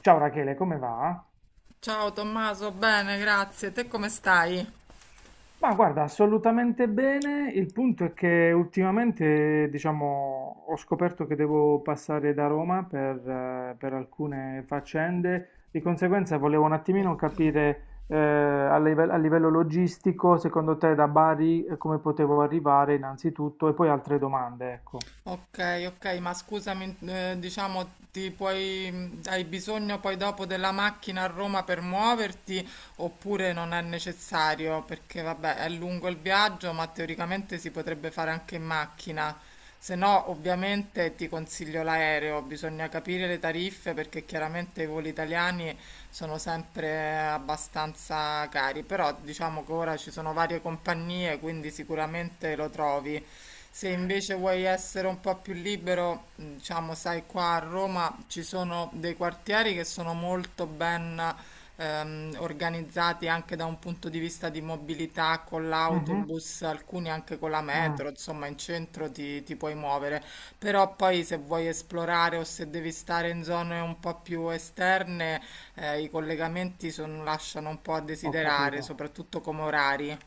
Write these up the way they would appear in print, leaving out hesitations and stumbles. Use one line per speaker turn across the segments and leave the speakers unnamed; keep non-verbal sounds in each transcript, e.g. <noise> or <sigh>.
Ciao Rachele, come va?
Ciao Tommaso, bene, grazie. Te come stai?
Ma guarda, assolutamente bene. Il punto è che ultimamente, diciamo, ho scoperto che devo passare da Roma per alcune faccende. Di conseguenza volevo un attimino
Ok.
capire, a livello logistico, secondo te da Bari, come potevo arrivare innanzitutto e poi altre domande, ecco.
Ok, ok, ma scusami, diciamo, ti puoi, hai bisogno poi dopo della macchina a Roma per muoverti oppure non è necessario? Perché vabbè, è lungo il viaggio, ma teoricamente si potrebbe fare anche in macchina. Se no, ovviamente ti consiglio l'aereo, bisogna capire le tariffe perché chiaramente i voli italiani sono sempre abbastanza cari, però diciamo che ora ci sono varie compagnie, quindi sicuramente lo trovi. Se invece vuoi essere un po' più libero, diciamo, sai, qua a Roma ci sono dei quartieri che sono molto ben organizzati anche da un punto di vista di mobilità con
Mhm.
l'autobus, alcuni anche con la
mm,
metro, insomma, in centro ti puoi muovere. Però poi se vuoi esplorare o se devi stare in zone un po' più esterne, i collegamenti lasciano un po' a
Ho
desiderare,
capito.
soprattutto come orari.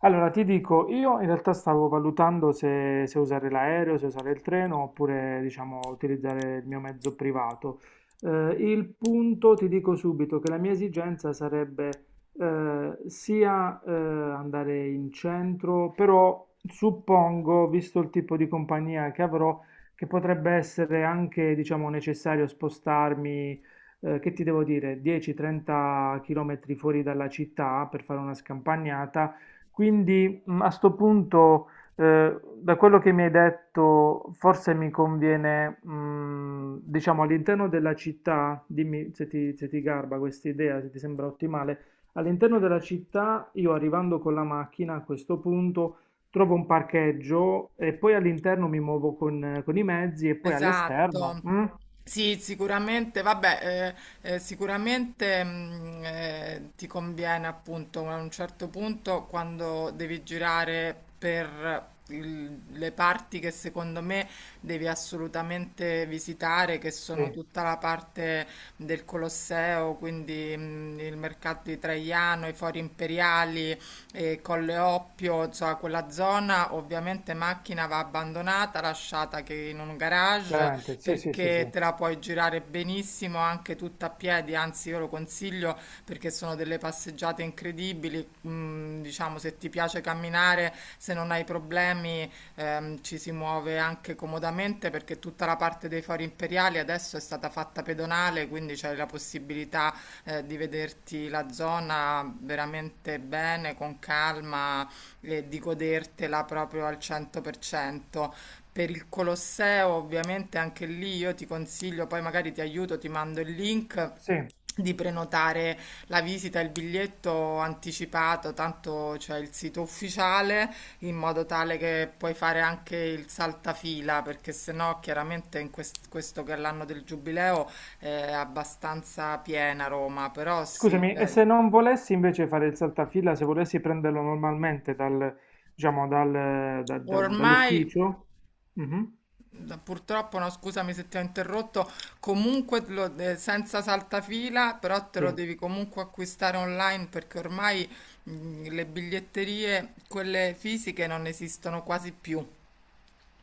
Allora, ti dico, io in realtà stavo valutando se usare l'aereo, se usare il treno oppure, diciamo, utilizzare il mio mezzo privato. Il punto, ti dico subito, che la mia esigenza sarebbe sia andare in centro, però suppongo, visto il tipo di compagnia che avrò, che potrebbe essere anche, diciamo, necessario spostarmi, che ti devo dire, 10-30 km fuori dalla città per fare una scampagnata. Quindi, a sto punto, da quello che mi hai detto, forse mi conviene, diciamo, all'interno della città. Dimmi se ti garba questa idea, se ti sembra ottimale. All'interno della città, io arrivando con la macchina a questo punto, trovo un parcheggio e poi all'interno mi muovo con i mezzi e poi all'esterno.
Esatto.
Mm?
Sì, sicuramente, vabbè, sicuramente ti conviene appunto a un certo punto quando devi girare per le parti che secondo me devi assolutamente visitare, che sono
Sì,
tutta la parte del Colosseo, quindi il mercato di Traiano, i fori imperiali, Colle Oppio, insomma, quella zona ovviamente macchina va abbandonata, lasciata che in un garage
chiaramente, sì, sì, sì,
perché
sì.
te la puoi girare benissimo anche tutta a piedi, anzi io lo consiglio perché sono delle passeggiate incredibili, diciamo se ti piace camminare, se non hai problemi ci si muove anche comodamente perché tutta la parte dei fori imperiali adesso è stata fatta pedonale, quindi c'è la possibilità di vederti la zona veramente bene, con calma e di godertela proprio al 100%. Per cento. Per il Colosseo, ovviamente anche lì io ti consiglio, poi magari ti aiuto, ti mando il link
Sì.
di prenotare la visita e il biglietto anticipato, tanto c'è il sito ufficiale, in modo tale che puoi fare anche il saltafila, perché sennò chiaramente in questo che è l'anno del giubileo è abbastanza piena Roma, però sì,
Scusami, e se non volessi invece fare il saltafila, se volessi prenderlo normalmente diciamo, dal, da- da-
ormai
dall'ufficio? Mhm.
purtroppo, no, scusami se ti ho interrotto, comunque senza saltafila, però te lo
Sì,
devi comunque acquistare online perché ormai le biglietterie, quelle fisiche, non esistono quasi più.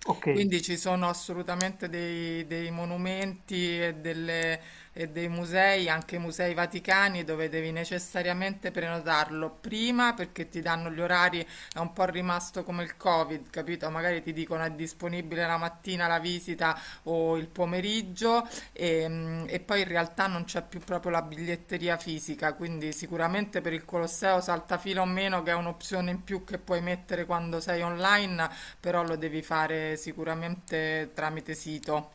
ok,
Quindi ci sono assolutamente dei monumenti e, e dei musei, anche musei vaticani, dove devi necessariamente prenotarlo prima perché ti danno gli orari, è un po' rimasto come il Covid, capito? Magari ti dicono è disponibile la mattina la visita o il pomeriggio e, e poi in realtà non c'è più proprio la biglietteria fisica, quindi sicuramente per il Colosseo saltafila o meno, che è un'opzione in più che puoi mettere quando sei online però lo devi fare sicuramente tramite sito.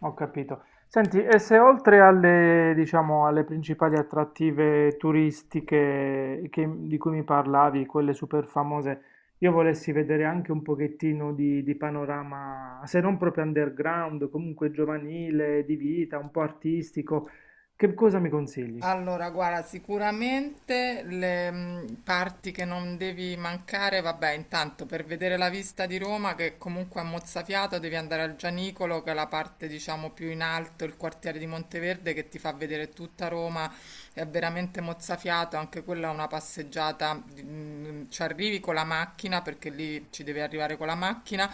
ho capito. Senti, e se oltre diciamo, alle principali attrattive turistiche di cui mi parlavi, quelle super famose, io volessi vedere anche un pochettino di panorama, se non proprio underground, comunque giovanile, di vita, un po' artistico, che cosa mi consigli?
Allora, guarda, sicuramente le parti che non devi mancare, vabbè, intanto per vedere la vista di Roma, che comunque è mozzafiato, devi andare al Gianicolo, che è la parte, diciamo, più in alto, il quartiere di Monteverde, che ti fa vedere tutta Roma, è veramente mozzafiato, anche quella è una passeggiata, ci arrivi con la macchina, perché lì ci devi arrivare con la macchina,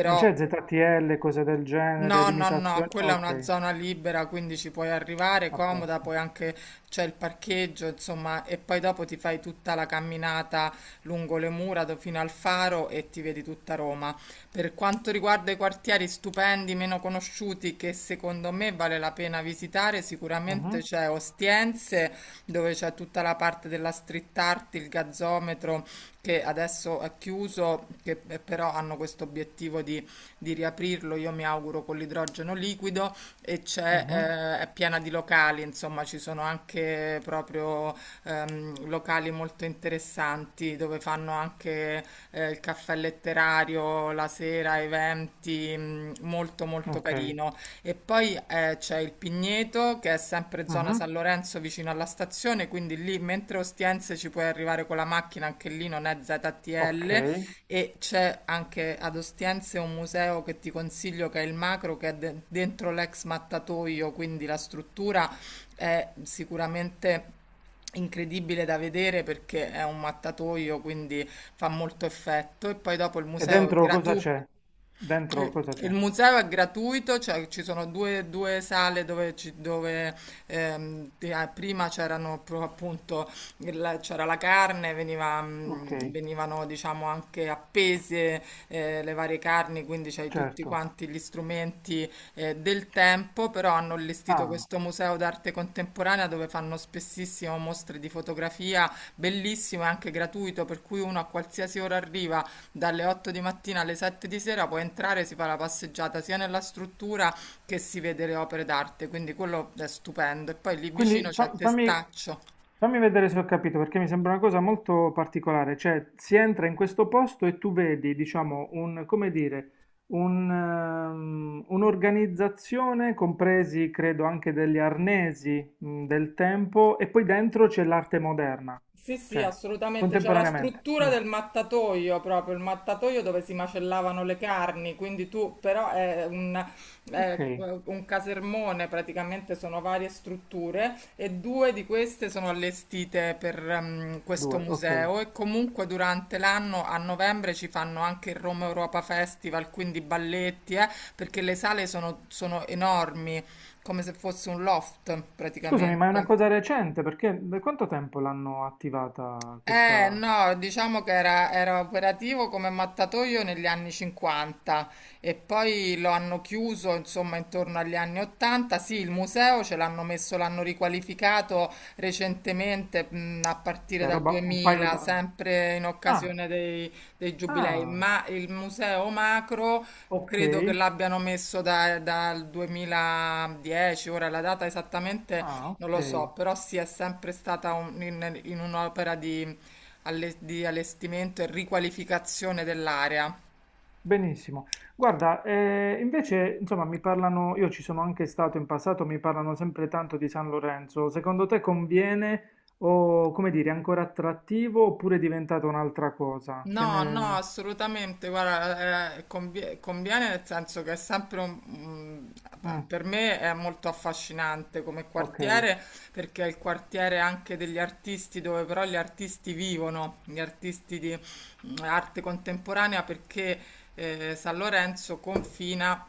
Non c'è ZTL, cose del genere,
no, no, no,
limitazioni?
quella è una
Ok,
zona libera, quindi ci puoi arrivare
a
comoda,
posto.
poi anche c'è il parcheggio, insomma, e poi dopo ti fai tutta la camminata lungo le mura fino al faro e ti vedi tutta Roma. Per quanto riguarda i quartieri stupendi, meno conosciuti, che secondo me vale la pena visitare, sicuramente
Mhm,
c'è Ostiense, dove c'è tutta la parte della street art, il gazzometro, che adesso è chiuso, che però hanno questo obiettivo di riaprirlo, io mi auguro con l'idrogeno liquido e c'è,
mhm.
è piena di locali, insomma ci sono anche proprio locali molto interessanti dove fanno anche il caffè letterario la sera, eventi, molto molto
Ok,
carino. E poi c'è il Pigneto che è sempre zona
mhm,
San Lorenzo vicino alla stazione, quindi lì mentre Ostiense ci puoi arrivare con la macchina, anche lì non è
ok.
ZTL, e c'è anche ad Ostiense un museo che ti consiglio che è il Macro, che è dentro l'ex mattatoio, quindi la struttura è sicuramente incredibile da vedere perché è un mattatoio, quindi fa molto effetto. E poi dopo il
E
museo è
dentro cosa
gratuito.
c'è? Dentro
Eh,
cosa
Il
c'è?
museo è gratuito, cioè ci sono due sale dove, dove, prima appunto c'era la carne, veniva,
Ok,
venivano diciamo anche appese le varie carni, quindi c'hai tutti
certo.
quanti gli strumenti del tempo, però hanno allestito
Ah,
questo museo d'arte contemporanea dove fanno spessissimo mostre di fotografia, bellissimo e anche gratuito, per cui uno a qualsiasi ora arriva dalle 8 di mattina alle 7 di sera puoi entrare, si fa la passeggiata sia nella struttura che si vede le opere d'arte, quindi quello è stupendo. E poi lì
quindi
vicino c'è Testaccio.
fammi vedere se ho capito, perché mi sembra una cosa molto particolare, cioè si entra in questo posto e tu vedi, diciamo, un, come dire, un'organizzazione, compresi credo anche degli arnesi, del tempo, e poi dentro c'è l'arte moderna,
Sì, sì,
cioè
assolutamente. C'è la
contemporaneamente.
struttura
Mm.
del mattatoio proprio, il mattatoio dove si macellavano le carni, quindi tu però
Ok,
è un casermone, praticamente sono varie strutture e due di queste sono allestite per questo
due, ok.
museo e comunque durante l'anno a novembre ci fanno anche il Roma Europa Festival, quindi balletti, perché le sale sono enormi, come se fosse un loft
Scusami, ma è una
praticamente.
cosa recente, perché da quanto tempo l'hanno attivata questa,
No, diciamo che era, era operativo come mattatoio negli anni 50 e poi lo hanno chiuso, insomma, intorno agli anni 80. Sì, il museo ce l'hanno messo, l'hanno riqualificato recentemente, a partire
cioè
dal
roba, un paio
2000,
d'anni?
sempre in
Ah,
occasione dei, dei giubilei,
ah,
ma il museo Macro
ok.
credo che l'abbiano messo dal 2010, ora la data esattamente
Ah,
non
ok,
lo so, però sì, è sempre stata in, in un'opera di di allestimento e riqualificazione dell'area.
benissimo. Guarda, invece, insomma, mi parlano, io ci sono anche stato in passato, mi parlano sempre tanto di San Lorenzo. Secondo te conviene o, come dire, è ancora attrattivo oppure è diventata un'altra cosa? Che
No, no,
ne...
assolutamente, guarda, conviene nel senso che è sempre un,
Mm,
per me è molto affascinante come
ok,
quartiere perché è il quartiere anche degli artisti dove però gli artisti vivono, gli artisti di arte contemporanea perché San Lorenzo confina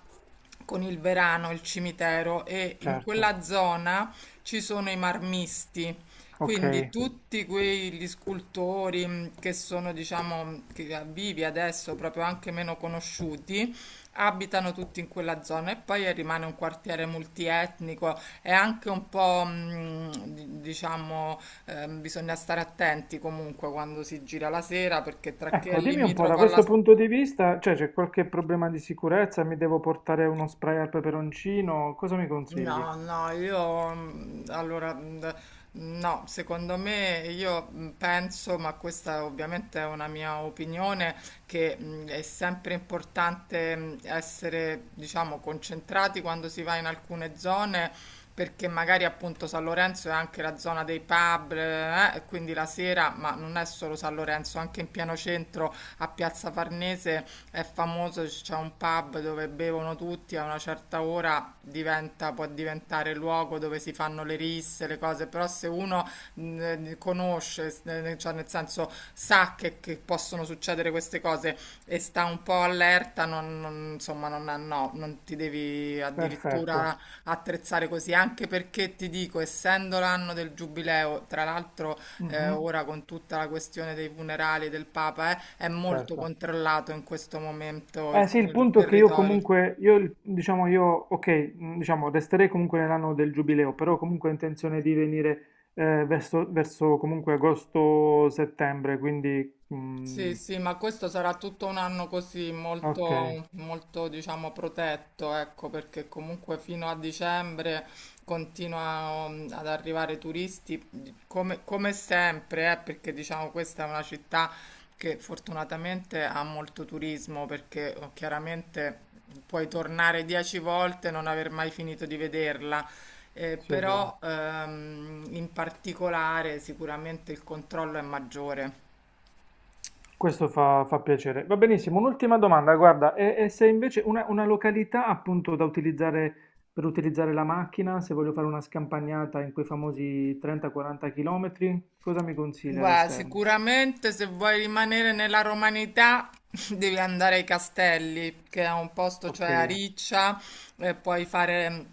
con il Verano, il cimitero e in
certo,
quella zona ci sono i marmisti.
ok.
Quindi tutti quegli scultori che sono, diciamo, vivi adesso, proprio anche meno conosciuti, abitano tutti in quella zona e poi rimane un quartiere multietnico e anche un po', diciamo, bisogna stare attenti comunque quando si gira la sera perché tra chi è
Ecco, dimmi un po', da
limitrofo alla
questo punto di vista, cioè c'è qualche problema di sicurezza? Mi devo portare uno spray al peperoncino? Cosa mi consigli?
no, no, io allora no, secondo me io penso, ma questa ovviamente è una mia opinione, che è sempre importante essere, diciamo, concentrati quando si va in alcune zone. Perché magari appunto San Lorenzo è anche la zona dei pub, e quindi la sera, ma non è solo San Lorenzo, anche in pieno centro a Piazza Farnese è famoso, c'è cioè, un pub dove bevono tutti, a una certa ora diventa, può diventare luogo dove si fanno le risse, le cose, però se uno conosce, cioè nel senso sa che possono succedere queste cose e sta un po' allerta, non, insomma, non, no, non ti devi
Perfetto.
addirittura attrezzare così, anche perché ti dico, essendo l'anno del giubileo, tra l'altro
Mhm,
ora con tutta la questione dei funerali del Papa, è molto
certo.
controllato in questo momento
Eh
il
sì, il
il
punto è che io
territorio.
comunque, io, diciamo, io, ok, diciamo, resterei comunque nell'anno del giubileo, però comunque ho intenzione di venire verso comunque agosto-settembre, quindi,
Sì,
mm,
sì, ma questo sarà tutto un anno così,
ok,
molto, molto, diciamo, protetto, ecco, perché comunque fino a dicembre continuano ad arrivare turisti, come, come sempre, perché diciamo questa è una città che fortunatamente ha molto turismo, perché oh, chiaramente puoi tornare 10 volte e non aver mai finito di vederla.
sì, è vero.
Però in particolare sicuramente il controllo è maggiore.
Questo fa piacere. Va benissimo, un'ultima domanda, guarda, e se invece una, località appunto da utilizzare per utilizzare la macchina, se voglio fare una scampagnata in quei famosi 30-40 km, cosa mi consiglia
Guarda,
all'esterno?
sicuramente se vuoi rimanere nella romanità <laughs> devi andare ai Castelli, che è un posto,
Ok,
cioè a Riccia, e puoi fare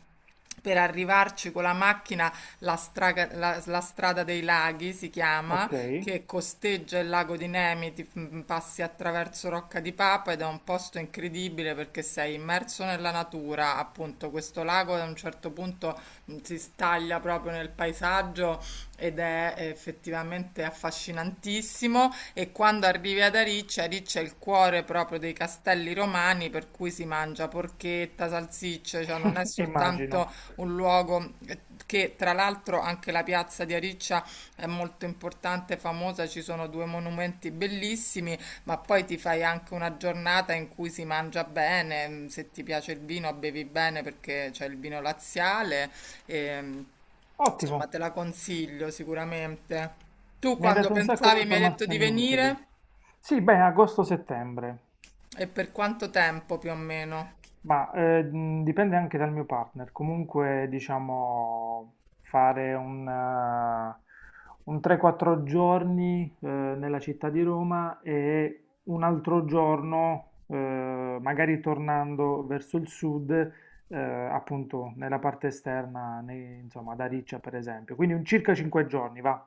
per arrivarci con la macchina la, la strada dei laghi, si chiama,
ok.
che costeggia il lago di Nemi, passi attraverso Rocca di Papa ed è un posto incredibile perché sei immerso nella natura, appunto questo lago ad un certo punto si staglia proprio nel paesaggio ed è effettivamente affascinantissimo e quando arrivi ad Ariccia, Ariccia è il cuore proprio dei castelli romani per cui si mangia porchetta, salsicce, cioè non è
<laughs> Immagino.
soltanto un luogo che tra l'altro anche la piazza di Ariccia è molto importante, e famosa, ci sono due monumenti bellissimi ma poi ti fai anche una giornata in cui si mangia bene, se ti piace il vino bevi bene perché c'è il vino laziale, e, insomma
Ottimo,
te la consiglio sicuramente. Tu
mi hai
quando
dato un sacco di
pensavi mi hai detto di
informazioni utili.
venire
Sì, beh, agosto-settembre,
e per quanto tempo più o meno?
ma dipende anche dal mio partner. Comunque, diciamo, fare un 3-4 giorni nella città di Roma e un altro giorno, magari tornando verso il sud, appunto, nella parte esterna, insomma, ad Ariccia, per esempio. Quindi un circa 5 giorni, va.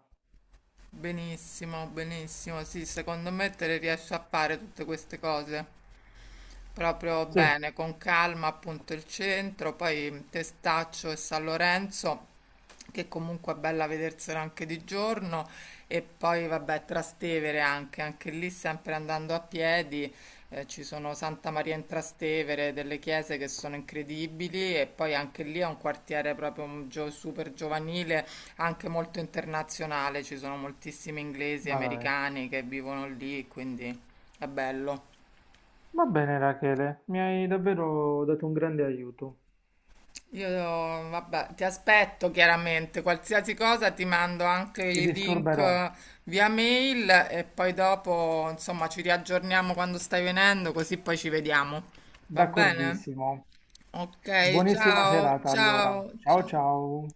Benissimo, benissimo, sì, secondo me te le riesci a fare tutte queste cose. Proprio
Sì,
bene, con calma appunto il centro, poi Testaccio e San Lorenzo, che comunque è bella vedersela anche di giorno, e poi vabbè Trastevere anche, anche lì sempre andando a piedi, ci sono Santa Maria in Trastevere, delle chiese che sono incredibili e poi anche lì è un quartiere proprio un super giovanile, anche molto internazionale, ci sono moltissimi inglesi,
va bene.
americani che vivono lì, quindi è bello.
Va bene, Rachele, mi hai davvero dato un grande aiuto.
Io, vabbè, ti aspetto chiaramente, qualsiasi cosa ti mando anche
Ti
i link
disturberò,
via mail e poi dopo, insomma, ci riaggiorniamo quando stai venendo, così poi ci vediamo. Va bene?
d'accordissimo.
Ok,
Buonissima
ciao,
serata allora.
ciao,
Ciao
ciao.
ciao.